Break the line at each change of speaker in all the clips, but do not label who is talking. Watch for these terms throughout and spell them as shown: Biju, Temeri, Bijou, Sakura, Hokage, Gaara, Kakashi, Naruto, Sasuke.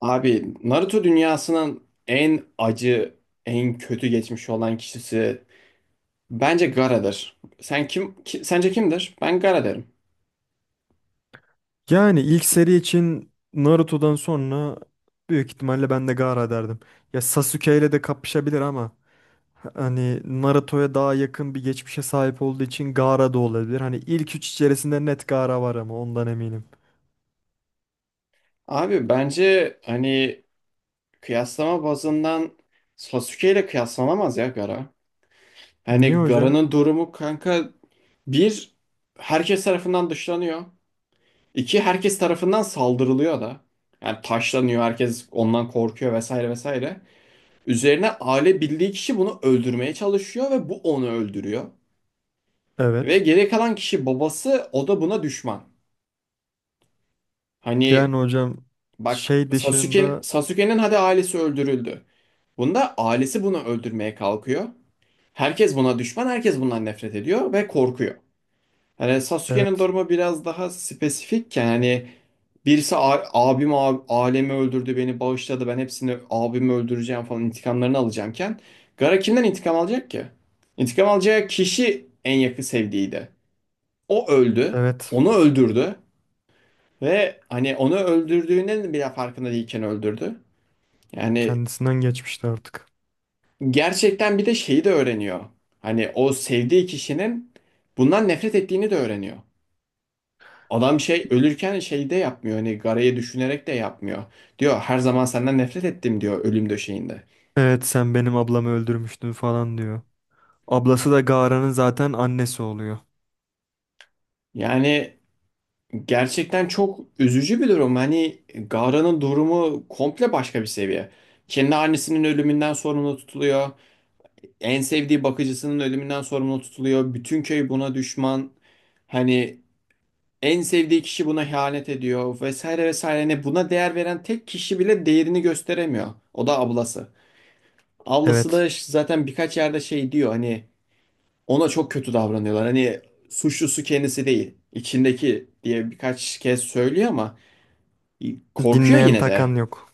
Abi Naruto dünyasının en acı, en kötü geçmiş olan kişisi bence Gaara'dır. Sence kimdir? Ben Gaara derim.
Yani ilk seri için Naruto'dan sonra büyük ihtimalle ben de Gaara derdim. Ya Sasuke ile de kapışabilir ama hani Naruto'ya daha yakın bir geçmişe sahip olduğu için Gaara da olabilir. Hani ilk üç içerisinde net Gaara var ama ondan eminim.
Abi bence hani kıyaslama bazından Sasuke ile kıyaslanamaz ya Gaara.
Niye
Hani
hocam?
Gaara'nın durumu kanka, bir, herkes tarafından dışlanıyor. İki, herkes tarafından saldırılıyor da. Yani taşlanıyor, herkes ondan korkuyor, vesaire vesaire. Üzerine aile bildiği kişi bunu öldürmeye çalışıyor ve bu onu öldürüyor. Ve
Evet.
geri kalan kişi babası, o da buna düşman. Hani
Yani hocam
bak,
şey
Sasuke,
dışında
Sasuke'nin hadi ailesi öldürüldü. Bunda ailesi bunu öldürmeye kalkıyor. Herkes buna düşman, herkes bundan nefret ediyor ve korkuyor. Hani Sasuke'nin
evet
durumu biraz daha spesifikken hani birisi abim alemi öldürdü, beni bağışladı, ben hepsini, abimi öldüreceğim falan, intikamlarını alacağımken Gara kimden intikam alacak ki? İntikam alacağı kişi en yakın sevdiğiydi. O öldü,
evet
onu öldürdü ve hani onu öldürdüğünün bile farkında değilken öldürdü. Yani
kendisinden geçmişti artık.
gerçekten bir de şeyi de öğreniyor. Hani o sevdiği kişinin bundan nefret ettiğini de öğreniyor. Adam şey ölürken şeyde yapmıyor, hani garaya düşünerek de yapmıyor. Diyor her zaman senden nefret ettim diyor ölüm döşeğinde.
Evet, sen benim ablamı öldürmüştün falan diyor. Ablası da Gaara'nın zaten annesi oluyor.
Yani gerçekten çok üzücü bir durum. Hani Gara'nın durumu komple başka bir seviye. Kendi annesinin ölümünden sorumlu tutuluyor. En sevdiği bakıcısının ölümünden sorumlu tutuluyor. Bütün köy buna düşman. Hani en sevdiği kişi buna ihanet ediyor, vesaire vesaire. Hani buna değer veren tek kişi bile değerini gösteremiyor. O da ablası. Ablası
Evet.
da zaten birkaç yerde şey diyor, hani ona çok kötü davranıyorlar. Hani suçlusu kendisi değil, içindeki diye birkaç kez söylüyor ama korkuyor
Dinleyen
yine de.
takan yok.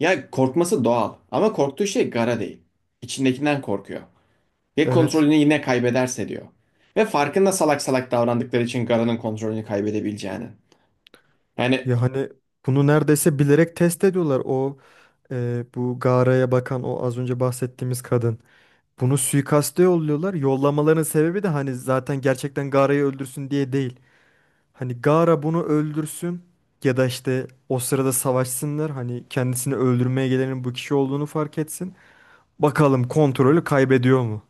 Ya korkması doğal ama korktuğu şey gara değil. İçindekinden korkuyor. Ve
Evet.
kontrolünü yine kaybederse diyor. Ve farkında salak salak davrandıkları için Gara'nın kontrolünü kaybedebileceğini. Yani
Ya hani bunu neredeyse bilerek test ediyorlar. Bu Gara'ya bakan o az önce bahsettiğimiz kadın. Bunu suikaste yolluyorlar. Yollamaların sebebi de hani zaten gerçekten Gara'yı öldürsün diye değil. Hani Gara bunu öldürsün ya da işte o sırada savaşsınlar. Hani kendisini öldürmeye gelenin bu kişi olduğunu fark etsin. Bakalım kontrolü kaybediyor mu?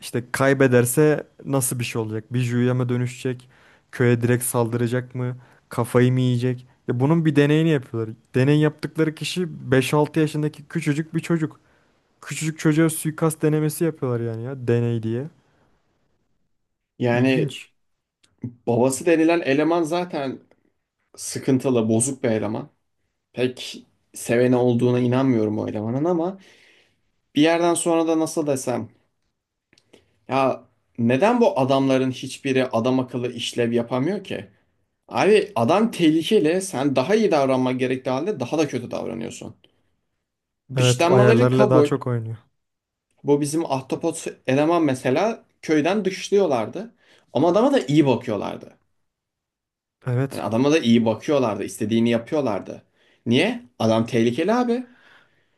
İşte kaybederse nasıl bir şey olacak? Bir Juu'ya mı dönüşecek? Köye direkt saldıracak mı? Kafayı mı yiyecek? Ya bunun bir deneyini yapıyorlar. Deney yaptıkları kişi 5-6 yaşındaki küçücük bir çocuk. Küçücük çocuğa suikast denemesi yapıyorlar yani ya deney diye.
yani
İlginç.
babası denilen eleman zaten sıkıntılı, bozuk bir eleman. Pek seveni olduğuna inanmıyorum o elemanın. Ama bir yerden sonra da nasıl desem ya, neden bu adamların hiçbiri adam akıllı işlev yapamıyor ki? Abi adam tehlikeli, sen daha iyi davranman gerektiği halde daha da kötü davranıyorsun.
Evet,
Dışlanmaları
ayarlarla daha
kabul.
çok oynuyor.
Bu bizim ahtapot eleman mesela, köyden dışlıyorlardı. Ama adama da iyi bakıyorlardı. Yani
Evet.
adama da iyi bakıyorlardı, istediğini yapıyorlardı. Niye? Adam tehlikeli abi.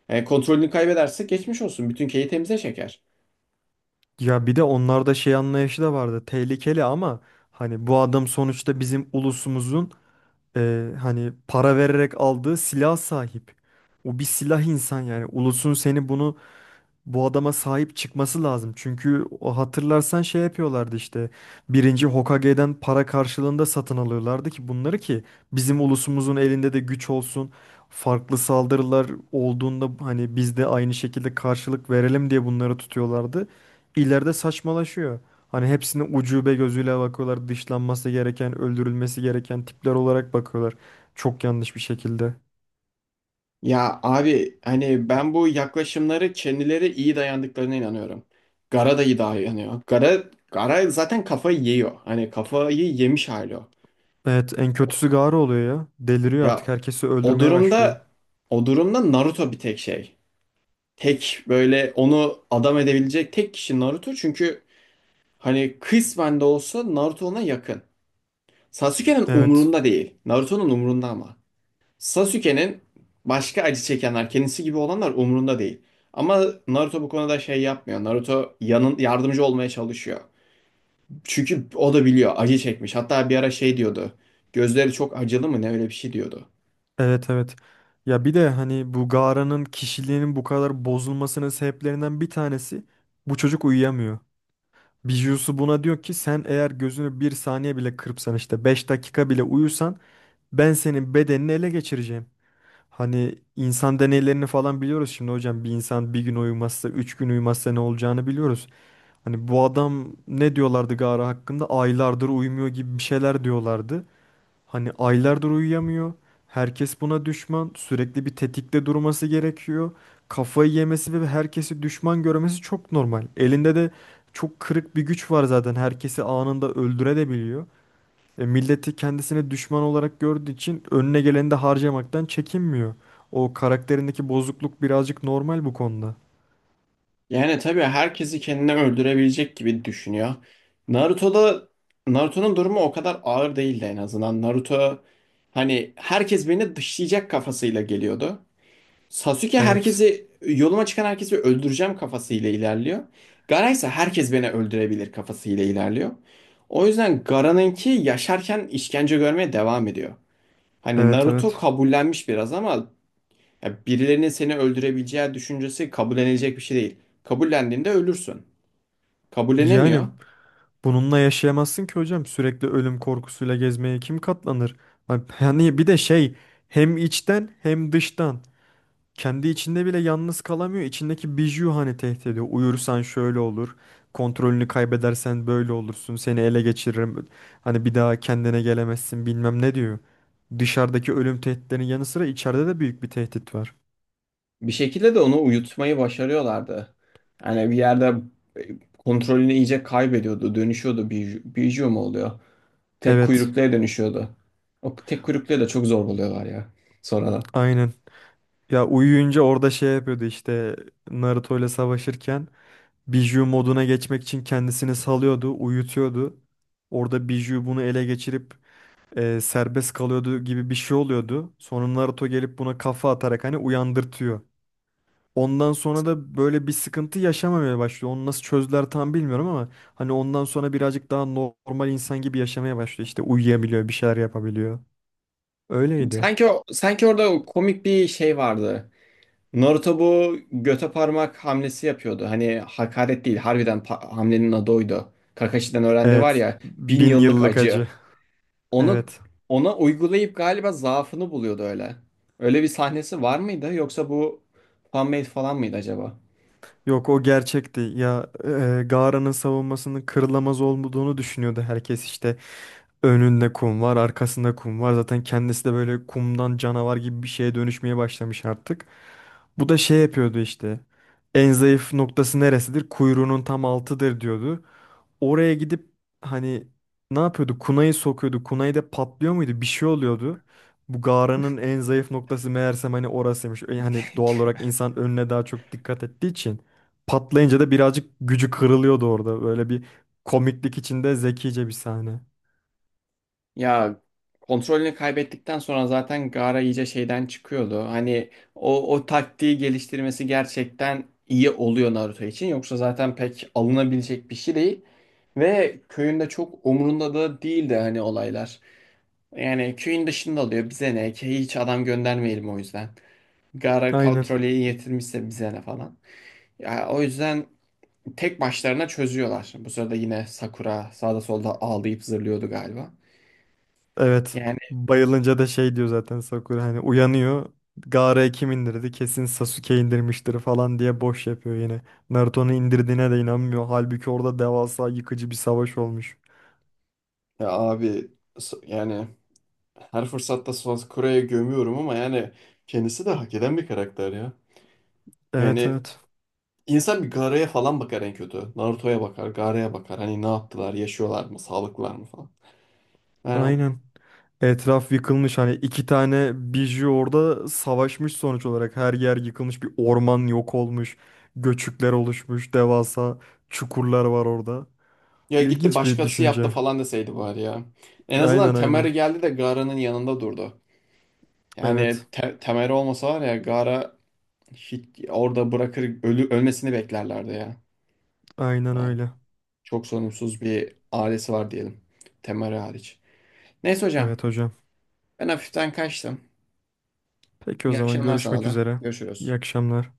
Yani kontrolünü kaybederse geçmiş olsun. Bütün köyü temize çeker.
Ya bir de onlarda şey anlayışı da vardı. Tehlikeli ama hani bu adam sonuçta bizim ulusumuzun hani para vererek aldığı silah sahip. O bir silah insan yani. Ulusun seni bunu bu adama sahip çıkması lazım. Çünkü o hatırlarsan şey yapıyorlardı işte. Birinci Hokage'den para karşılığında satın alıyorlardı ki bunları ki bizim ulusumuzun elinde de güç olsun. Farklı saldırılar olduğunda hani biz de aynı şekilde karşılık verelim diye bunları tutuyorlardı. İleride saçmalaşıyor. Hani hepsini ucube gözüyle bakıyorlar. Dışlanması gereken, öldürülmesi gereken tipler olarak bakıyorlar. Çok yanlış bir şekilde.
Ya abi hani ben bu yaklaşımları kendileri iyi dayandıklarına inanıyorum. Gara da iyi dayanıyor. Gara zaten kafayı yiyor. Hani kafayı yemiş hali o.
Evet, en kötüsü Gaara oluyor ya. Deliriyor,
Ya
artık herkesi
o
öldürmeye başlıyor.
durumda o durumda Naruto bir tek şey. Tek böyle onu adam edebilecek tek kişi Naruto. Çünkü hani kısmen de olsa Naruto ona yakın. Sasuke'nin
Evet,
umurunda değil. Naruto'nun umurunda ama. Sasuke'nin başka acı çekenler, kendisi gibi olanlar umurunda değil. Ama Naruto bu konuda şey yapmıyor. Naruto yanın yardımcı olmaya çalışıyor. Çünkü o da biliyor, acı çekmiş. Hatta bir ara şey diyordu. Gözleri çok acılı mı ne, öyle bir şey diyordu.
evet, evet. Ya bir de hani bu Gara'nın kişiliğinin bu kadar bozulmasının sebeplerinden bir tanesi bu çocuk uyuyamıyor. Bijousu buna diyor ki sen eğer gözünü bir saniye bile kırpsan, işte 5 dakika bile uyusan ben senin bedenini ele geçireceğim. Hani insan deneylerini falan biliyoruz, şimdi hocam bir insan bir gün uyumazsa 3 gün uyumazsa ne olacağını biliyoruz. Hani bu adam ne diyorlardı Gara hakkında, aylardır uyumuyor gibi bir şeyler diyorlardı. Hani aylardır uyuyamıyor. Herkes buna düşman. Sürekli bir tetikte durması gerekiyor. Kafayı yemesi ve herkesi düşman görmesi çok normal. Elinde de çok kırık bir güç var zaten. Herkesi anında öldürebiliyor. Milleti kendisine düşman olarak gördüğü için önüne geleni de harcamaktan çekinmiyor. O karakterindeki bozukluk birazcık normal bu konuda.
Yani tabii herkesi kendine öldürebilecek gibi düşünüyor. Naruto'da Naruto'nun durumu o kadar ağır değildi en azından. Naruto hani herkes beni dışlayacak kafasıyla geliyordu. Sasuke
Evet.
yoluma çıkan herkesi öldüreceğim kafasıyla ilerliyor. Gaara ise herkes beni öldürebilir kafasıyla ilerliyor. O yüzden Gaara'nınki yaşarken işkence görmeye devam ediyor. Hani
Evet,
Naruto
evet.
kabullenmiş biraz ama ya birilerinin seni öldürebileceği düşüncesi kabullenilecek bir şey değil. Kabullendiğinde ölürsün. Kabullenemiyor.
Yani bununla yaşayamazsın ki hocam. Sürekli ölüm korkusuyla gezmeye kim katlanır? Yani bir de şey, hem içten hem dıştan. Kendi içinde bile yalnız kalamıyor. İçindeki biju hani tehdit ediyor. Uyursan şöyle olur. Kontrolünü kaybedersen böyle olursun. Seni ele geçiririm. Hani bir daha kendine gelemezsin bilmem ne diyor. Dışarıdaki ölüm tehditlerinin yanı sıra içeride de büyük bir tehdit var.
Bir şekilde de onu uyutmayı başarıyorlardı. Yani bir yerde e, kontrolünü iyice kaybediyordu, dönüşüyordu. Biju mu oluyor? Tek
Evet,
kuyrukluya dönüşüyordu. O tek kuyrukluya da çok zor buluyorlar ya sonradan.
aynen. Ya uyuyunca orada şey yapıyordu işte, Naruto ile savaşırken Biju moduna geçmek için kendisini salıyordu, uyutuyordu. Orada Biju bunu ele geçirip serbest kalıyordu gibi bir şey oluyordu. Sonra Naruto gelip buna kafa atarak hani uyandırtıyor. Ondan sonra da böyle bir sıkıntı yaşamamaya başlıyor. Onu nasıl çözdüler tam bilmiyorum ama hani ondan sonra birazcık daha normal insan gibi yaşamaya başlıyor. İşte uyuyabiliyor, bir şeyler yapabiliyor. Öyleydi.
Sanki sanki orada o komik bir şey vardı. Naruto bu göte parmak hamlesi yapıyordu. Hani hakaret değil, harbiden hamlenin adı oydu. Kakashi'den öğrendi var
Evet,
ya, bin
bin
yıllık
yıllık
acı.
acı.
Onu
Evet.
Ona uygulayıp galiba zaafını buluyordu öyle. Öyle bir sahnesi var mıydı, yoksa bu fan-made falan mıydı acaba?
Yok, o gerçekti. Ya Gara'nın savunmasının kırılamaz olduğunu düşünüyordu herkes işte. Önünde kum var, arkasında kum var. Zaten kendisi de böyle kumdan canavar gibi bir şeye dönüşmeye başlamış artık. Bu da şey yapıyordu işte. En zayıf noktası neresidir? Kuyruğunun tam altıdır diyordu. Oraya gidip hani ne yapıyordu? Kunayı sokuyordu. Kunayı da patlıyor muydu? Bir şey oluyordu. Bu Gara'nın en zayıf noktası meğersem hani orasıymış. Hani doğal olarak insan önüne daha çok dikkat ettiği için patlayınca da birazcık gücü kırılıyordu orada. Böyle bir komiklik içinde zekice bir sahne.
Ya kontrolünü kaybettikten sonra zaten Gaara iyice şeyden çıkıyordu. Hani o taktiği geliştirmesi gerçekten iyi oluyor Naruto için. Yoksa zaten pek alınabilecek bir şey değil. Ve köyünde çok umurunda da değildi hani olaylar. Yani köyün dışında oluyor, bize ne ki, hiç adam göndermeyelim o yüzden. Gaara
Aynen.
kontrolü yetirmişse bize ne falan. Ya, o yüzden tek başlarına çözüyorlar. Bu sırada yine Sakura sağda solda ağlayıp zırlıyordu galiba.
Evet.
Yani.
Bayılınca da şey diyor zaten Sakura, hani uyanıyor. Gaara'ya kim indirdi? Kesin Sasuke indirmiştir falan diye boş yapıyor yine. Naruto'nun indirdiğine de inanmıyor. Halbuki orada devasa, yıkıcı bir savaş olmuş.
Ya abi, yani her fırsatta Suakure'ye gömüyorum ama yani kendisi de hak eden bir karakter ya.
Evet,
Yani
evet.
insan bir Gaara'ya falan bakar en kötü. Naruto'ya bakar, Gaara'ya bakar. Hani ne yaptılar, yaşıyorlar mı, sağlıklılar mı falan. Yani
Aynen. Etraf yıkılmış, hani iki tane biju orada savaşmış sonuç olarak. Her yer yıkılmış, bir orman yok olmuş. Göçükler oluşmuş. Devasa çukurlar var orada.
ya, gitti
İlginç bir
başkası yaptı
düşünce.
falan deseydi bari ya. En azından
Aynen,
Temeri
aynen.
geldi de Gaara'nın yanında durdu. Yani
Evet.
Temeri olmasa var ya, Gaara hiç orada bırakır ölü ölmesini beklerlerdi ya.
Aynen
Ha,
öyle.
çok sorumsuz bir ailesi var diyelim. Temeri hariç. Neyse hocam,
Evet hocam.
ben hafiften kaçtım.
Peki o
İyi
zaman
akşamlar sana
görüşmek
da.
üzere. İyi
Görüşürüz.
akşamlar.